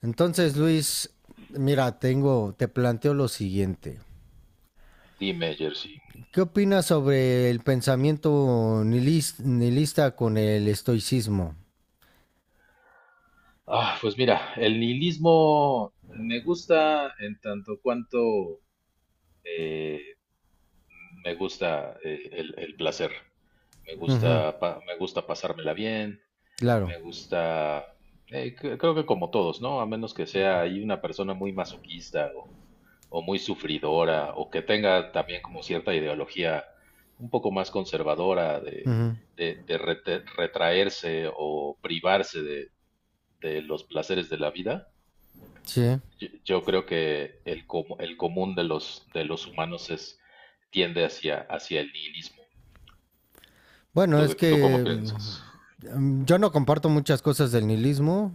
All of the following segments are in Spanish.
Entonces, Luis, mira, tengo, te planteo lo siguiente. Dime, Jersey. ¿Qué opinas sobre el pensamiento nihilista con el estoicismo? Ah, pues mira, el nihilismo me gusta en tanto cuanto, eh, me gusta, el placer. Me Ujú, gusta, me gusta pasármela bien, claro. me gusta, creo que como todos, ¿no? A menos que sea ahí una persona muy masoquista o muy sufridora o que tenga también como cierta ideología un poco más conservadora Ujú, retraerse o privarse de los placeres de la vida. sí. Yo creo que el común de los humanos tiende hacia el nihilismo. Bueno, es ¿Tú cómo que piensas? Yo no comparto muchas cosas del nihilismo,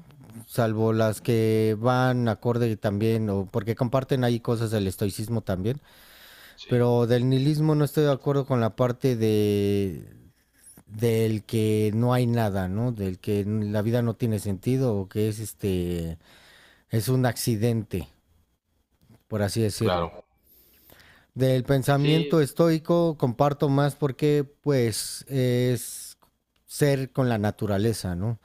salvo las que van acorde también, o porque comparten ahí cosas del estoicismo también, Sí, pero del nihilismo no estoy de acuerdo con la parte de del que no hay nada, ¿no? Del que la vida no tiene sentido o que es este es un accidente, por así decirlo. claro. Del pensamiento Sí, estoico comparto más porque pues es ser con la naturaleza, ¿no?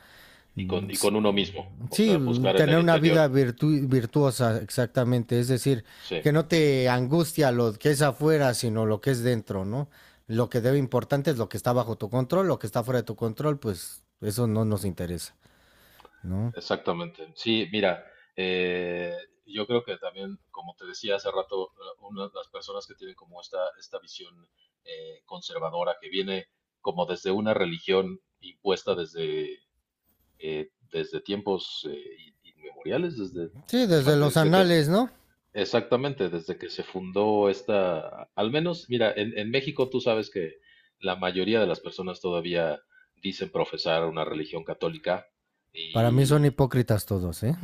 y con uno mismo, o Sí, sea, buscar en tener el una interior. vida virtuosa, exactamente. Es decir, Sí, que no te angustia lo que es afuera, sino lo que es dentro, ¿no? Lo que debe importante es lo que está bajo tu control, lo que está fuera de tu control, pues eso no nos interesa. ¿No? exactamente. Sí, mira, eh, yo creo que también, como te decía hace rato, una de las personas que tienen como esta visión conservadora que viene como desde una religión impuesta desde tiempos inmemoriales, Sí, desde bueno, los anales, ¿no? exactamente, desde que se fundó esta, al menos, mira, en México tú sabes que la mayoría de las personas todavía dicen profesar una religión católica. Para mí son Y hipócritas todos, ¿eh?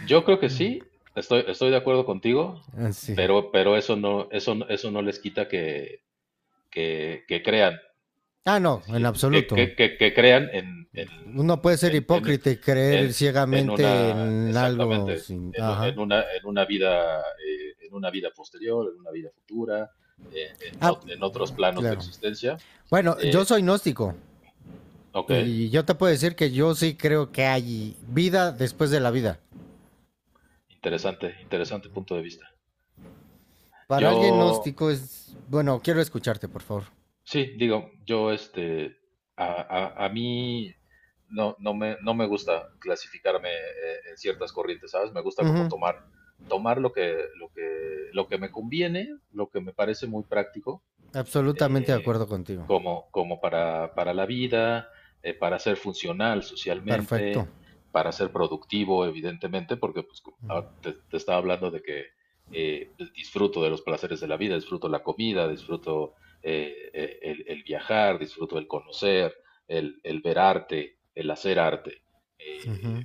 yo creo que sí, estoy de acuerdo contigo, Así. pero eso no les quita que, que crean. Ah, no, en si- que, absoluto. que, que, que crean Uno puede ser en, en, hipócrita y creer en- ciegamente en algo exactamente, sin... Ajá. En una vida posterior, en una vida futura, Ah, en otros planos de claro. existencia. Bueno, yo Eh, soy gnóstico ok, y yo te puedo decir que yo sí creo que hay vida después de la vida. interesante punto de vista. Para alguien Yo gnóstico es... Bueno, quiero escucharte, por favor. Sí, digo, a, a mí no me gusta clasificarme en ciertas corrientes, ¿sabes? Me gusta como Ujú, tomar lo que me conviene, lo que me parece muy práctico, absolutamente de eh, acuerdo contigo. como para la vida, para ser funcional Perfecto. socialmente, para ser productivo, evidentemente, porque pues, te estaba hablando de que, pues, disfruto de los placeres de la vida, disfruto la comida, disfruto, el viajar, disfruto el conocer, el ver arte, el hacer arte, eh,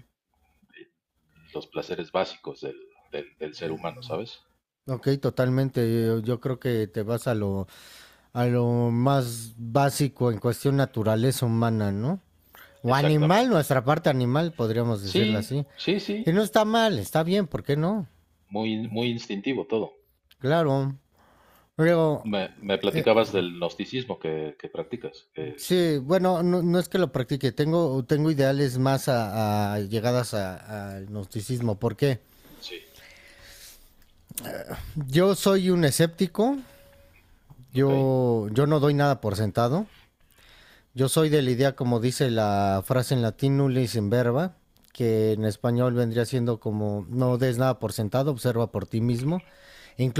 los placeres básicos del ser humano, ¿sabes? Ok, totalmente. Yo creo que te vas a lo más básico en cuestión naturaleza humana, ¿no? O animal, Exactamente. nuestra parte animal, podríamos decirlo Sí, así. sí, Y sí, no está mal, está bien, ¿por qué no? muy, muy instintivo todo. Claro. Pero, Me eh, platicabas del gnosticismo que practicas. Sí, bueno, no, no es que lo practique, tengo, tengo ideales más a llegadas al gnosticismo. ¿Por qué? Sí, Yo soy un escéptico, ok, yo no doy nada por sentado. Yo soy de la idea, como dice la frase en latín, nulis in verba, que en español vendría siendo como no des nada por sentado, observa por ti mismo.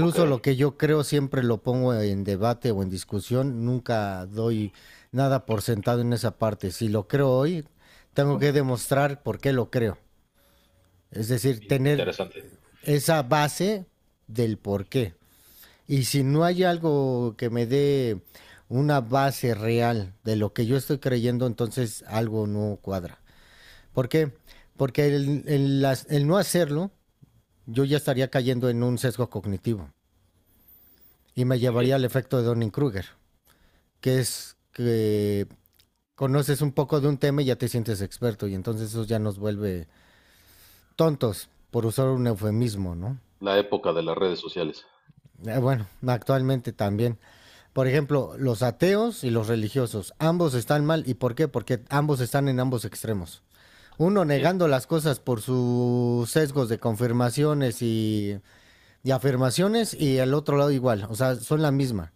ok. lo que yo creo siempre lo pongo en debate o en discusión, nunca doy nada por sentado en esa parte. Si lo creo hoy, tengo que demostrar por qué lo creo. Es decir, tener Interesante, esa base del por qué. Y si no hay algo que me dé una base real de lo que yo estoy creyendo, entonces algo no cuadra. ¿Por qué? Porque el el no hacerlo, yo ya estaría cayendo en un sesgo cognitivo y me muy bien. llevaría al efecto de Donning-Kruger, que es que conoces un poco de un tema y ya te sientes experto y entonces eso ya nos vuelve tontos, por usar un eufemismo, ¿no? La época de las redes sociales, Bueno, actualmente también. Por ejemplo, los ateos y los religiosos, ambos están mal. ¿Y por qué? Porque ambos están en ambos extremos. Uno sí, negando las cosas por sus sesgos de confirmaciones y afirmaciones y el otro lado igual. O sea, son la misma.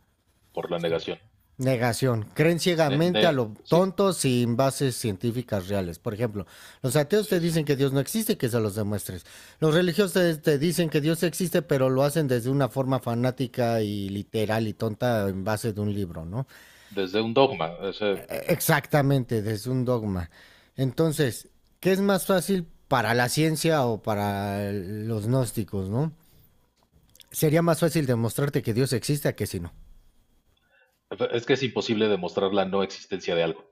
por la negación. Negación. Creen ciegamente a lo Sí, tonto sin bases científicas reales. Por ejemplo, los ateos así te es. dicen que Dios no existe y que se los demuestres. Los religiosos te dicen que Dios existe, pero lo hacen desde una forma fanática y literal y tonta en base de un libro, ¿no? Desde un dogma. Exactamente, desde un dogma. Entonces, ¿qué es más fácil para la ciencia o para los gnósticos, no? Sería más fácil demostrarte que Dios existe a que si no. Es que es imposible demostrar la no existencia de algo.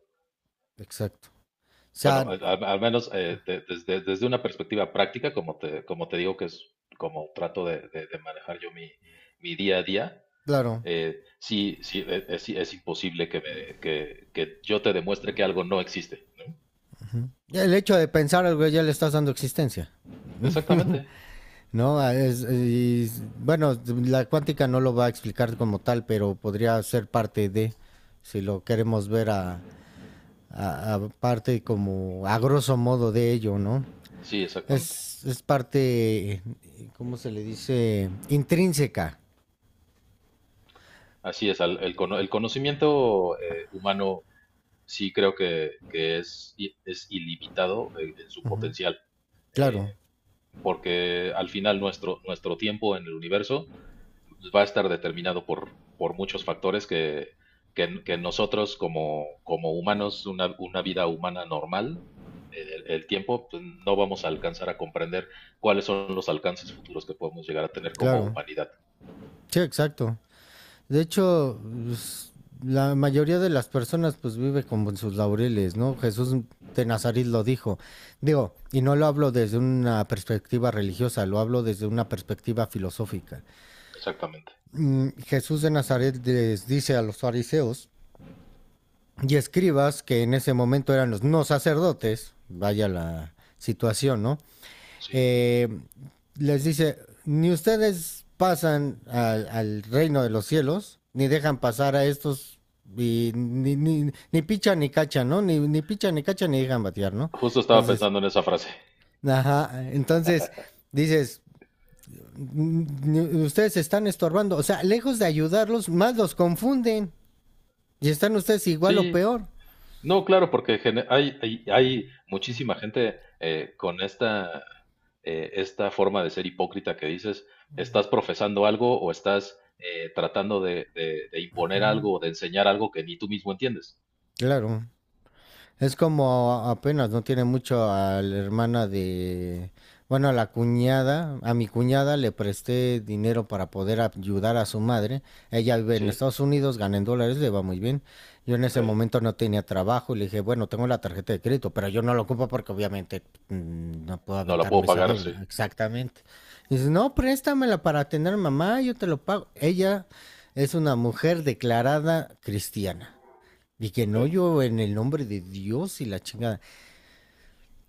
Exacto. O sea, Bueno, al menos, desde una perspectiva práctica, como te digo, que es como trato de manejar yo mi día a día. claro, Sí, sí, es imposible que yo te demuestre que algo no existe. el hecho de pensar algo ya le estás dando existencia. Exactamente, No, ah, bueno, la cuántica no lo va a explicar como tal, pero podría ser parte de, si lo queremos ver a, a parte como a grosso modo de ello, ¿no? sí, exactamente. Es parte, ¿cómo se le dice? Intrínseca. Así es. El conocimiento humano, sí creo que es ilimitado en su potencial, Claro, porque al final nuestro tiempo en el universo va a estar determinado por muchos factores que nosotros como humanos, una vida humana normal, el tiempo, pues, no vamos a alcanzar a comprender cuáles son los alcances futuros que podemos llegar a tener como claro. humanidad. Sí, exacto. De hecho, pues, la mayoría de las personas pues vive con sus laureles, ¿no? Jesús de Nazaret lo dijo. Digo, y no lo hablo desde una perspectiva religiosa, lo hablo desde una perspectiva filosófica. Exactamente. Jesús de Nazaret les dice a los fariseos y escribas, que en ese momento eran los no sacerdotes, vaya la situación, ¿no? Sí. eh, Les dice, ni ustedes pasan al, al reino de los cielos, ni dejan pasar a estos, y ni pichan ni cachan, ¿no? Ni, ni pichan ni cachan ni dejan batear, ¿no? Justo estaba Entonces, pensando en esa frase. ajá, entonces dices, ustedes se están estorbando, o sea, lejos de ayudarlos, más los confunden y están ustedes igual o Sí, peor. no, claro, porque hay muchísima gente, con esta forma de ser hipócrita que dices, estás profesando algo o estás, tratando de imponer Mm, algo o de enseñar algo que ni tú mismo entiendes. claro. Es como apenas, no tiene mucho a la hermana de, bueno, a la cuñada, a mi cuñada le presté dinero para poder ayudar a su madre. Ella vive en Sí, Estados Unidos, gana en dólares, le va muy bien. Yo en ok. ese momento no tenía trabajo y le dije, bueno, tengo la tarjeta de crédito, pero yo no la ocupo porque obviamente no puedo No la puedo aventarme esa pagar, sí. deuda. Exactamente. Y dice, no, préstamela para tener mamá, yo te lo pago. Ella es una mujer declarada cristiana. Y que Ok, no yo en el nombre de Dios y la chingada.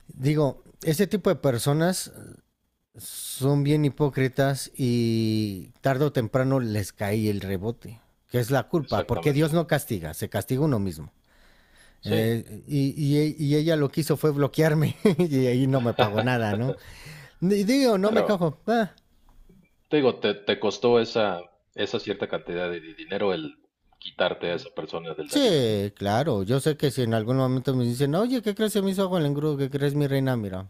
Digo, ese tipo de personas son bien hipócritas y tarde o temprano les cae el rebote, que es la culpa, porque exactamente. Dios no castiga, se castiga uno mismo. Sí, Y ella lo que hizo fue bloquearme y ahí no me pagó nada, ¿no? Y digo, no me pero cago ah, te digo, te costó esa, esa cierta cantidad de dinero el quitarte a esa persona de la vida, ¿no? sí, claro, yo sé que si en algún momento me dicen, oye, ¿qué crees? Se me hizo agua el engrudo, ¿qué crees mi reina? Mira,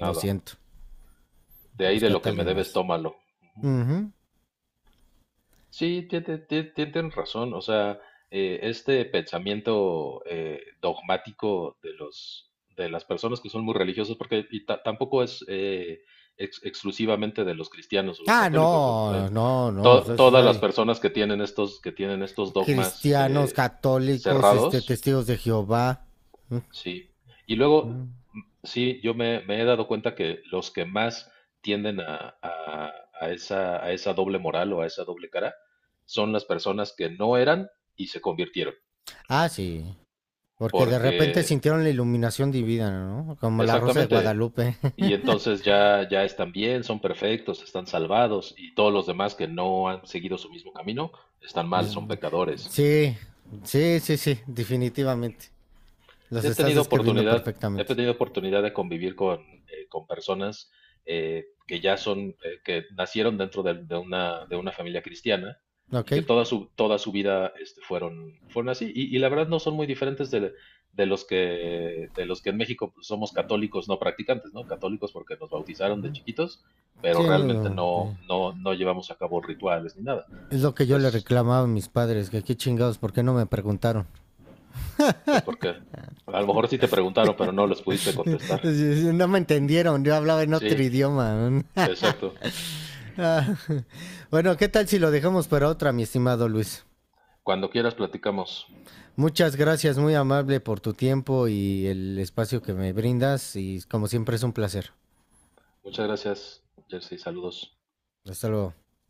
lo siento, De ahí de lo búscate a que me alguien debes, más. tómalo. Uh Ujú. -huh. Sí, tienen razón. O sea, este pensamiento dogmático de las personas que son muy religiosos, porque tampoco es exclusivamente de los cristianos o los Ah, católicos, no, no, no, todas las ay, personas que tienen estos dogmas cristianos, católicos, este, cerrados. testigos de Jehová. Sí. Y luego, Mm. mm, sí, yo me he dado cuenta que los que más tienden a esa doble moral o a esa doble cara son las personas que no eran y se convirtieron. Ah, sí, porque de repente Porque, sintieron la iluminación divina, ¿no? Como la Rosa de exactamente, Guadalupe. y entonces ya, ya están bien, son perfectos, están salvados, y todos los demás que no han seguido su mismo camino están mal, Es- son pecadores. Sí, sí, definitivamente. Los He estás tenido describiendo oportunidad, he perfectamente. tenido oportunidad de convivir con personas, que nacieron dentro de una familia cristiana ¿Ok? y que toda su vida, fueron así. Y la verdad no son muy diferentes de los que en México, pues, somos católicos no practicantes, ¿no? Católicos porque nos bautizaron de chiquitos, pero Sí, no, realmente no, no, sí. no, no llevamos a cabo rituales ni nada. Es lo que yo le Es, reclamaba a mis padres, que qué chingados, ¿por qué no me preguntaron? pues porque a lo mejor sí te preguntaron, pero no les pudiste contestar. No me entendieron, yo hablaba en otro Sí, idioma. ¿No? exacto. Ah, bueno, ¿qué tal si lo dejamos para otra, mi estimado Luis? Cuando quieras platicamos. Muchas gracias, muy amable por tu tiempo y el espacio que me brindas y como siempre es un placer. Muchas gracias, Jersey. Saludos. Hasta luego.